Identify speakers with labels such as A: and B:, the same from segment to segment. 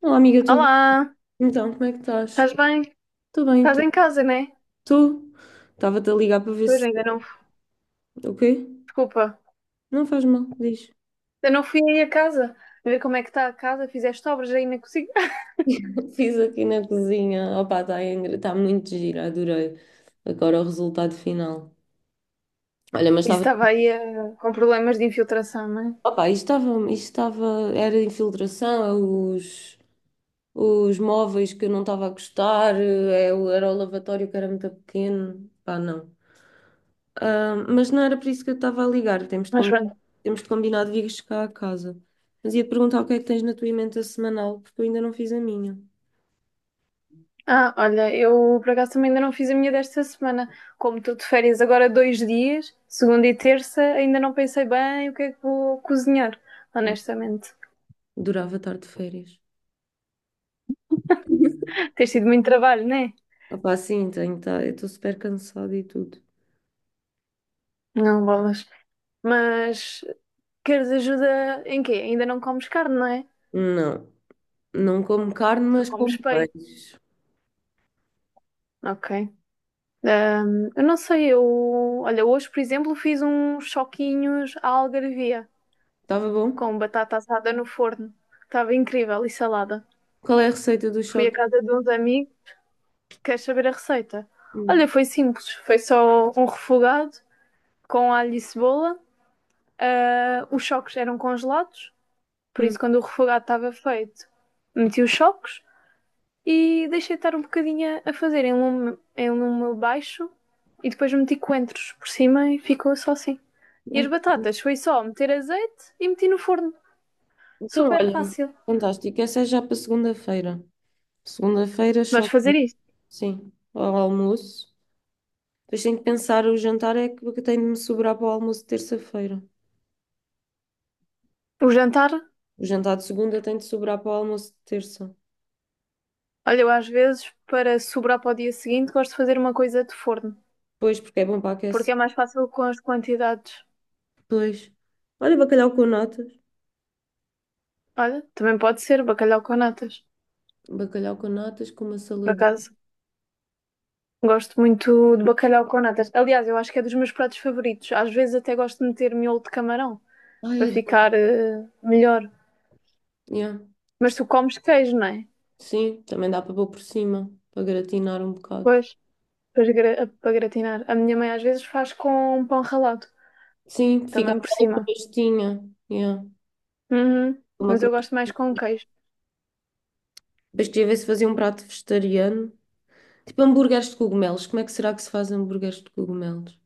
A: Olá, amiga, tudo
B: Olá,
A: bem? Então, como é que estás?
B: estás bem?
A: Estou bem,
B: Estás
A: tu?
B: em casa, né?
A: Tu? Estava-te a ligar para ver
B: Pois
A: se.
B: ainda não.
A: O quê?
B: Desculpa,
A: Não faz mal, diz.
B: ainda não fui aí a casa. A ver como é que está a casa, fizeste obras aí na cozinha.
A: Fiz aqui na cozinha. Opa, tá muito gira, adorei. Agora o resultado final. Olha, mas
B: Isso
A: estava.
B: estava aí com problemas de infiltração, não é?
A: Opa, isto estava. Era infiltração, Os móveis que eu não estava a gostar, era o lavatório que era muito pequeno. Pá, não. Ah, mas não era por isso que eu estava a ligar. Temos de
B: Mas pronto.
A: combinar, temos de combinar de vires cá a casa. Mas ia-te perguntar o que é que tens na tua emenda semanal, porque eu ainda não fiz a minha.
B: Ah, olha, eu por acaso também ainda não fiz a minha desta semana. Como estou de férias agora 2 dias, segunda e terça, ainda não pensei bem o que é que vou cozinhar,
A: Ah,
B: honestamente.
A: durava estar de férias.
B: Tens tido muito trabalho, não é?
A: Opá, sim, tenho, tá, eu estou super cansada e tudo.
B: Não, bolas. Mas queres ajuda em quê? Ainda não comes carne, não é?
A: Não, não como carne,
B: Só
A: mas
B: comes
A: como
B: peixe.
A: peixe.
B: Ok. Eu não sei, eu. Olha, hoje, por exemplo, fiz uns choquinhos à algarvia
A: Estava bom?
B: com batata assada no forno. Estava incrível e salada.
A: Qual é a receita do
B: Fui à
A: choque?
B: casa de uns amigos. Queres saber a receita? Olha,
A: Hum,
B: foi simples. Foi só um refogado com alho e cebola. Ah, os choques eram congelados, por
A: hum.
B: isso, quando o refogado estava feito, meti os choques e deixei estar um bocadinho a fazer em lume baixo e depois meti coentros por cima e ficou só assim. E as
A: Ai,
B: batatas foi só meter azeite e meti no forno.
A: então,
B: Super
A: olha,
B: fácil.
A: fantástico. Essa é já para segunda-feira. Segunda-feira,
B: Vais
A: choque.
B: fazer isto.
A: Sim, ao almoço. Depois tenho que pensar, o jantar é que tem de me sobrar para o almoço de terça-feira.
B: O jantar,
A: O jantar de segunda tem de sobrar para o almoço de terça.
B: olha, eu às vezes, para sobrar para o dia seguinte, gosto de fazer uma coisa de forno.
A: Pois, porque é bom para aquecer.
B: Porque é mais fácil com as quantidades.
A: Pois. Olha, bacalhau com natas.
B: Olha, também pode ser bacalhau com natas.
A: Bacalhau com natas, com uma
B: Por
A: saladinha.
B: acaso, gosto muito de bacalhau com natas. Aliás, eu acho que é dos meus pratos favoritos. Às vezes até gosto de meter miolo de camarão,
A: Ai,
B: para
A: adoro.
B: ficar melhor.
A: Yeah.
B: Mas
A: S-
B: tu comes queijo, não é?
A: Sim, também dá para pôr por cima, para gratinar um bocado.
B: Pois, para gratinar. A minha mãe às vezes faz com pão ralado.
A: Sim, fica
B: Também por
A: aquela
B: cima.
A: crostinha. Yeah.
B: Uhum.
A: Uma
B: Mas eu
A: crosta.
B: gosto mais com queijo.
A: Depois queria ver se fazia um prato vegetariano. Tipo hambúrgueres de cogumelos. Como é que será que se faz hambúrgueres de cogumelos?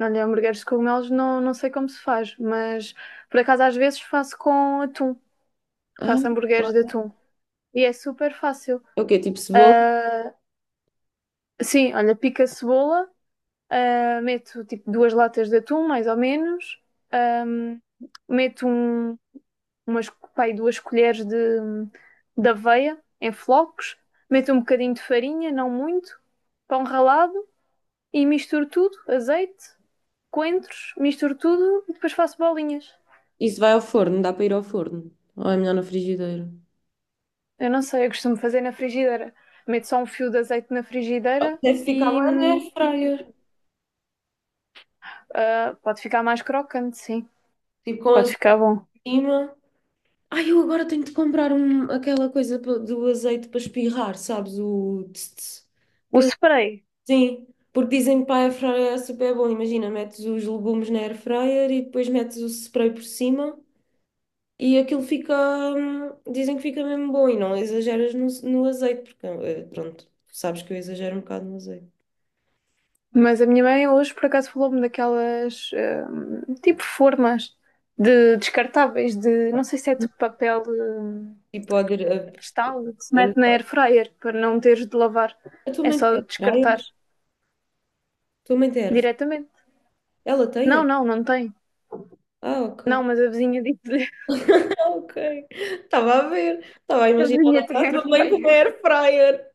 B: Olha, hambúrgueres de cogumelos não sei como se faz, mas por acaso às vezes faço com atum.
A: Ah,
B: Faço hambúrgueres de atum. E é super fácil.
A: é o quê? Tipo cebola?
B: Ah, sim, olha, pico a cebola, ah, meto tipo 2 latas de atum, mais ou menos. Ahm, meto pá, aí 2 colheres de aveia em flocos. Meto um bocadinho de farinha, não muito. Pão ralado e misturo tudo, azeite. Coentros, misturo tudo e depois faço bolinhas.
A: Isso vai ao forno, dá para ir ao forno. Ou é melhor na frigideira?
B: Eu não sei, eu costumo fazer na frigideira. Meto só um fio de azeite na
A: Ou
B: frigideira
A: deve ficar
B: e
A: bem na airfryer.
B: ah, pode ficar mais crocante, sim.
A: Tipo com
B: Pode
A: azeite
B: ficar bom.
A: em cima. Ai, eu agora tenho de comprar um, aquela coisa do azeite para espirrar, sabes? O tss, tss.
B: O
A: Que-
B: spray.
A: Sim, porque dizem que para a airfryer é super bom. Imagina, metes os legumes na airfryer e depois metes o spray por cima e aquilo fica. Dizem que fica mesmo bom e não exageras no azeite, porque pronto, sabes que eu exagero um bocado no azeite.
B: Mas a minha mãe hoje por acaso falou-me daquelas tipo formas de descartáveis de não sei se é de papel
A: Tipo,
B: postal que se mete na air fryer para não teres de lavar. É só descartar
A: A tua mãe tem erva?
B: diretamente.
A: Ela tem
B: Não,
A: erva?
B: não, não tem.
A: Ah, ok.
B: Não, mas a vizinha disse
A: Ok. Estava a ver. Estava a
B: Eu
A: imaginar
B: vinha
A: a
B: ter
A: tua mãe como
B: fryer.
A: air fryer.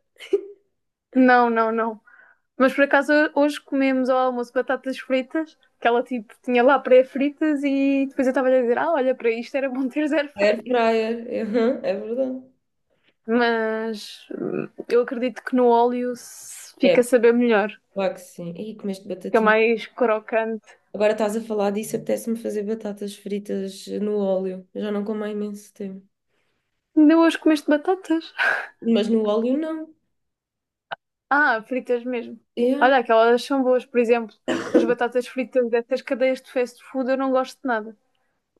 B: Não, não, não. Mas por acaso hoje comemos ao almoço batatas fritas, que ela tipo tinha lá pré-fritas e depois eu estava a dizer, ah, olha, para isto era bom ter zero
A: Air
B: fryer.
A: fryer. Aham, é verdade.
B: Mas eu acredito que no óleo
A: É,
B: fica a saber melhor,
A: claro que sim. E comeste
B: fica
A: batatinha.
B: mais crocante.
A: Agora estás a falar disso, apetece-me fazer batatas fritas no óleo. Eu já não como há imenso tempo.
B: Ainda hoje comeste batatas?
A: Mas no óleo não.
B: Ah, fritas mesmo. Olha,
A: É.
B: aquelas são boas, por exemplo, as batatas fritas dessas cadeias de fast food eu não gosto de nada.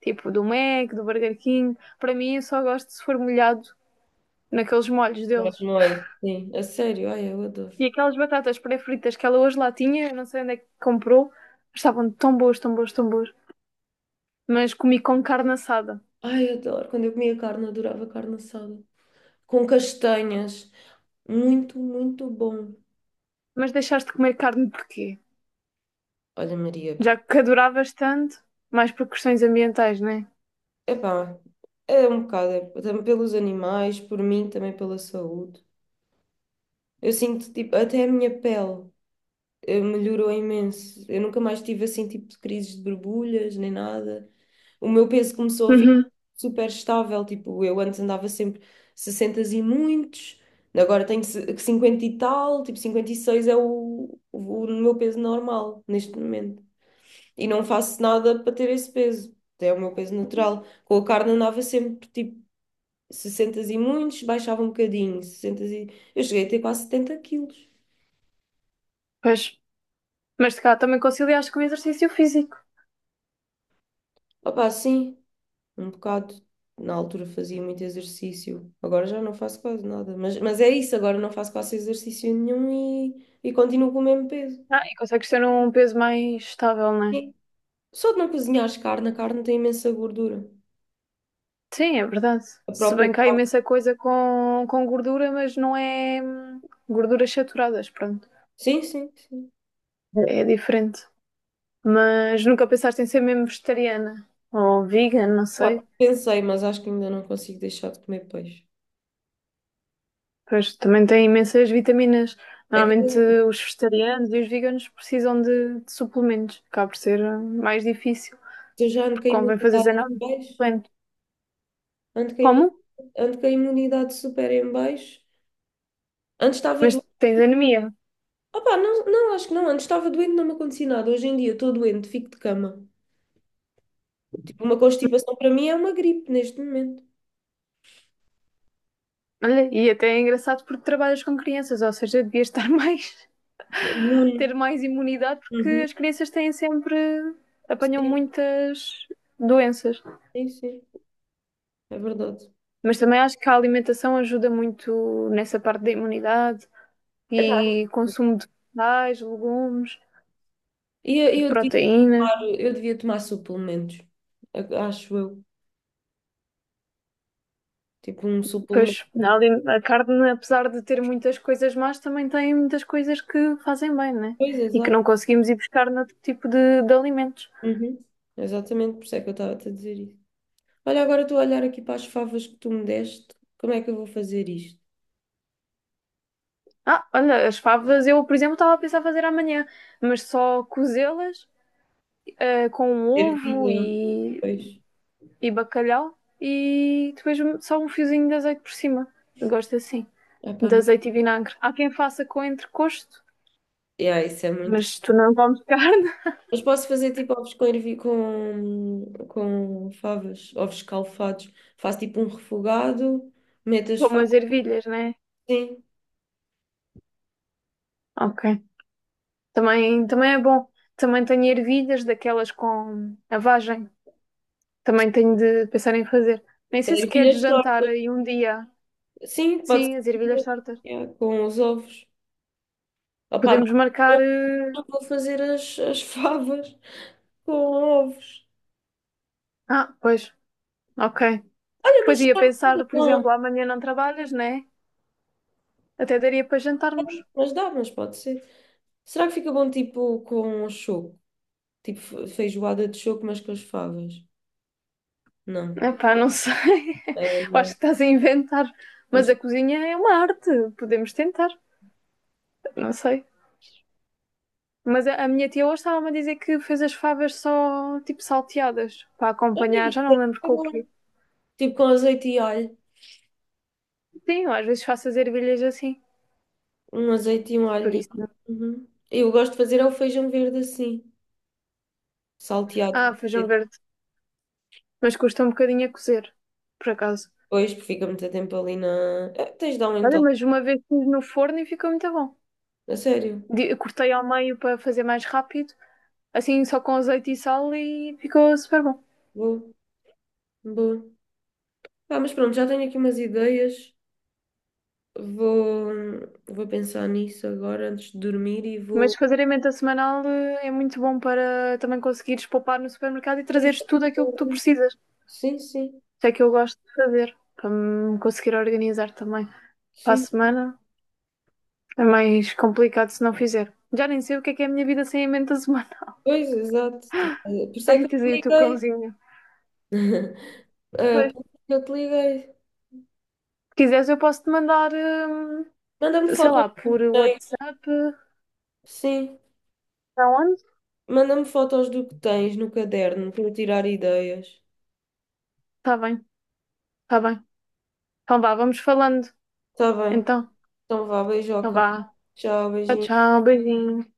B: Tipo do Mac, do Burger King, para mim eu só gosto se for molhado naqueles molhos
A: Agora com
B: deles.
A: molho, sim, a sério. Ai, eu adoro.
B: E aquelas batatas pré-fritas que ela hoje lá tinha, não sei onde é que comprou, estavam tão boas, tão boas, tão boas. Mas comi com carne assada.
A: Ai, eu adoro. Quando eu comia carne, adorava carne assada com castanhas. Muito, muito bom.
B: Mas deixaste de comer carne porquê?
A: Olha, Maria,
B: Já que adoravas tanto, mais por questões ambientais, não é?
A: epá, é um bocado, é, também pelos animais, por mim, também pela saúde. Eu sinto, tipo, até a minha pele melhorou imenso. Eu nunca mais tive, assim, tipo, de crises de borbulhas, nem nada. O meu peso começou a ficar
B: Uhum.
A: super estável, tipo, eu antes andava sempre 60 e muitos, agora tenho 50 e tal, tipo, 56 é o meu peso normal, neste momento. E não faço nada para ter esse peso. É o meu peso natural. Com a carne andava sempre tipo 60 e muitos, baixava um bocadinho, Eu cheguei a ter quase 70 quilos.
B: Pois. Mas se calhar também conciliaste com o exercício físico.
A: Opá, sim, um bocado. Na altura fazia muito exercício, agora já não faço quase nada. Mas é isso, agora não faço quase exercício nenhum e, e continuo com o mesmo peso.
B: Ah, e consegues ter um peso mais estável, não é?
A: Sim. Só de não cozinhares carne, a carne tem imensa gordura.
B: Sim, é verdade.
A: A
B: Se
A: própria.
B: bem que há imensa coisa com gordura, mas não é gorduras saturadas, pronto.
A: Sim, sim, sim.
B: É diferente. Mas nunca pensaste em ser mesmo vegetariana ou vegan, não
A: Pá,
B: sei.
A: pensei, mas acho que ainda não consigo deixar de comer peixe.
B: Pois também tem imensas vitaminas.
A: É que
B: Normalmente os vegetarianos e os veganos precisam de suplementos. Acaba por ser mais difícil,
A: eu já ando com
B: porque
A: a
B: convém
A: imunidade
B: fazer
A: em
B: zenose.
A: baixo, ando com a
B: Como?
A: imu- ando com a imunidade super em baixo. Antes estava
B: Mas
A: doente.
B: tens anemia.
A: Opá, não, não, acho que não. Antes estava doente, não me acontecia nada. Hoje em dia estou doente, fico de cama. Tipo, uma constipação para mim é uma gripe neste momento.
B: Olha, e até é engraçado porque trabalhas com crianças, ou seja, devias estar mais,
A: Imune.
B: ter mais imunidade, porque
A: Uhum.
B: as crianças têm sempre, apanham
A: Sim,
B: muitas doenças.
A: sim, sim. É verdade.
B: Mas também acho que a alimentação ajuda muito nessa parte da imunidade
A: Epá,
B: e consumo de vegetais, legumes,
A: e
B: de proteína.
A: eu devia tomar suplementos, acho eu. Tipo, um
B: Pois
A: suplemento.
B: na ali- a carne, apesar de ter muitas coisas más, também tem muitas coisas que fazem bem, né?
A: Pois,
B: E que
A: exato.
B: não conseguimos ir buscar noutro tipo de alimentos.
A: Uhum. Exatamente, por isso é que eu estava a te dizer isso. Olha, agora estou a olhar aqui para as favas que tu me deste. Como é que eu vou fazer isto?
B: Ah, olha, as favas eu, por exemplo, estava a pensar fazer amanhã, mas só cozê-las com um ovo
A: Ervilha, pois.
B: e bacalhau e depois um, só um fiozinho de azeite por cima. Eu Gosto assim.
A: Ah, pá,
B: De
A: não.
B: azeite e vinagre. Há quem faça com entrecosto,
A: Yeah, isso é muito.
B: mas tu não comes carne,
A: Mas posso fazer tipo ovos com favas, ovos escalfados. Faço tipo um refogado, meto as
B: como as
A: favas,
B: ervilhas, né?
A: sim.
B: Ok. Também é bom. Também tenho ervilhas daquelas com a vagem. Também tenho de pensar em fazer. Nem
A: Sem
B: sei se queres
A: ervilhas
B: jantar
A: tortas.
B: aí um dia.
A: Sim, pode ser.
B: Sim, as ervilhas tortas.
A: Yeah, com os ovos. Opa,
B: Podemos
A: mas
B: marcar.
A: eu não vou fazer as favas com ovos.
B: Ah, pois, ok.
A: Olha,
B: Pois
A: mas,
B: ia
A: pode
B: pensar,
A: ser
B: por
A: com-
B: exemplo, amanhã não trabalhas, né? Até daria para jantarmos.
A: mas dá, mas pode ser. Será que fica bom tipo com choco? Tipo feijoada de choco, mas com as favas? Não.
B: Epá, não sei.
A: Ah,
B: Eu acho
A: não.
B: que estás a inventar.
A: Pois.
B: Mas a cozinha é uma arte. Podemos tentar. Não sei. Mas a minha tia hoje estava-me a dizer que fez as favas só, tipo, salteadas. Para
A: Olha
B: acompanhar.
A: isso,
B: Já não me
A: deve
B: lembro
A: ser
B: com o
A: bom.
B: quê.
A: Tipo com azeite e alho.
B: Sim, eu às vezes faço as ervilhas assim.
A: Um azeite e um
B: Por
A: alho.
B: isso.
A: Uhum. Eu gosto de fazer é o feijão verde assim,
B: Ah,
A: salteado.
B: feijão verde. Mas custa um bocadinho a cozer. Por acaso.
A: Depois porque fica muito tempo ali na. É, tens de dar um
B: Olha,
A: então.
B: mas uma vez fiz no forno e ficou muito bom.
A: A sério.
B: Cortei ao meio para fazer mais rápido. Assim, só com azeite e sal e ficou super bom.
A: Vou. Vou. Ah, mas pronto, já tenho aqui umas ideias. Vou, vou pensar nisso agora antes de dormir e vou.
B: Mas fazer a emenda semanal é muito bom para também conseguires poupar no supermercado e
A: Pois
B: trazeres
A: é,
B: tudo aquilo
A: pois
B: que tu
A: é.
B: precisas.
A: Sim, sim.
B: Isso é que eu gosto de fazer, para me conseguir organizar também. Para a
A: Sim.
B: semana é mais complicado se não fizer. Já nem sei o que é a minha vida sem emenda semanal.
A: Pois, exato. Por isso é que
B: Ai, tens
A: eu
B: aí
A: te
B: o teu
A: liguei.
B: cãozinho.
A: Ah,
B: Pois,
A: por isso é que eu te liguei.
B: se quiseres, eu posso te mandar,
A: Manda-me
B: sei
A: fotos
B: lá,
A: do
B: por
A: que tens.
B: WhatsApp.
A: Sim,
B: Para onde?
A: manda-me fotos do que tens no caderno para eu tirar ideias.
B: Está bem, está bem. Então vá, vamos falando.
A: Está bem.
B: Então,
A: Então vá,
B: então
A: beijoca.
B: vá.
A: Tchau,
B: Tchau,
A: beijinho.
B: tchau, beijinho.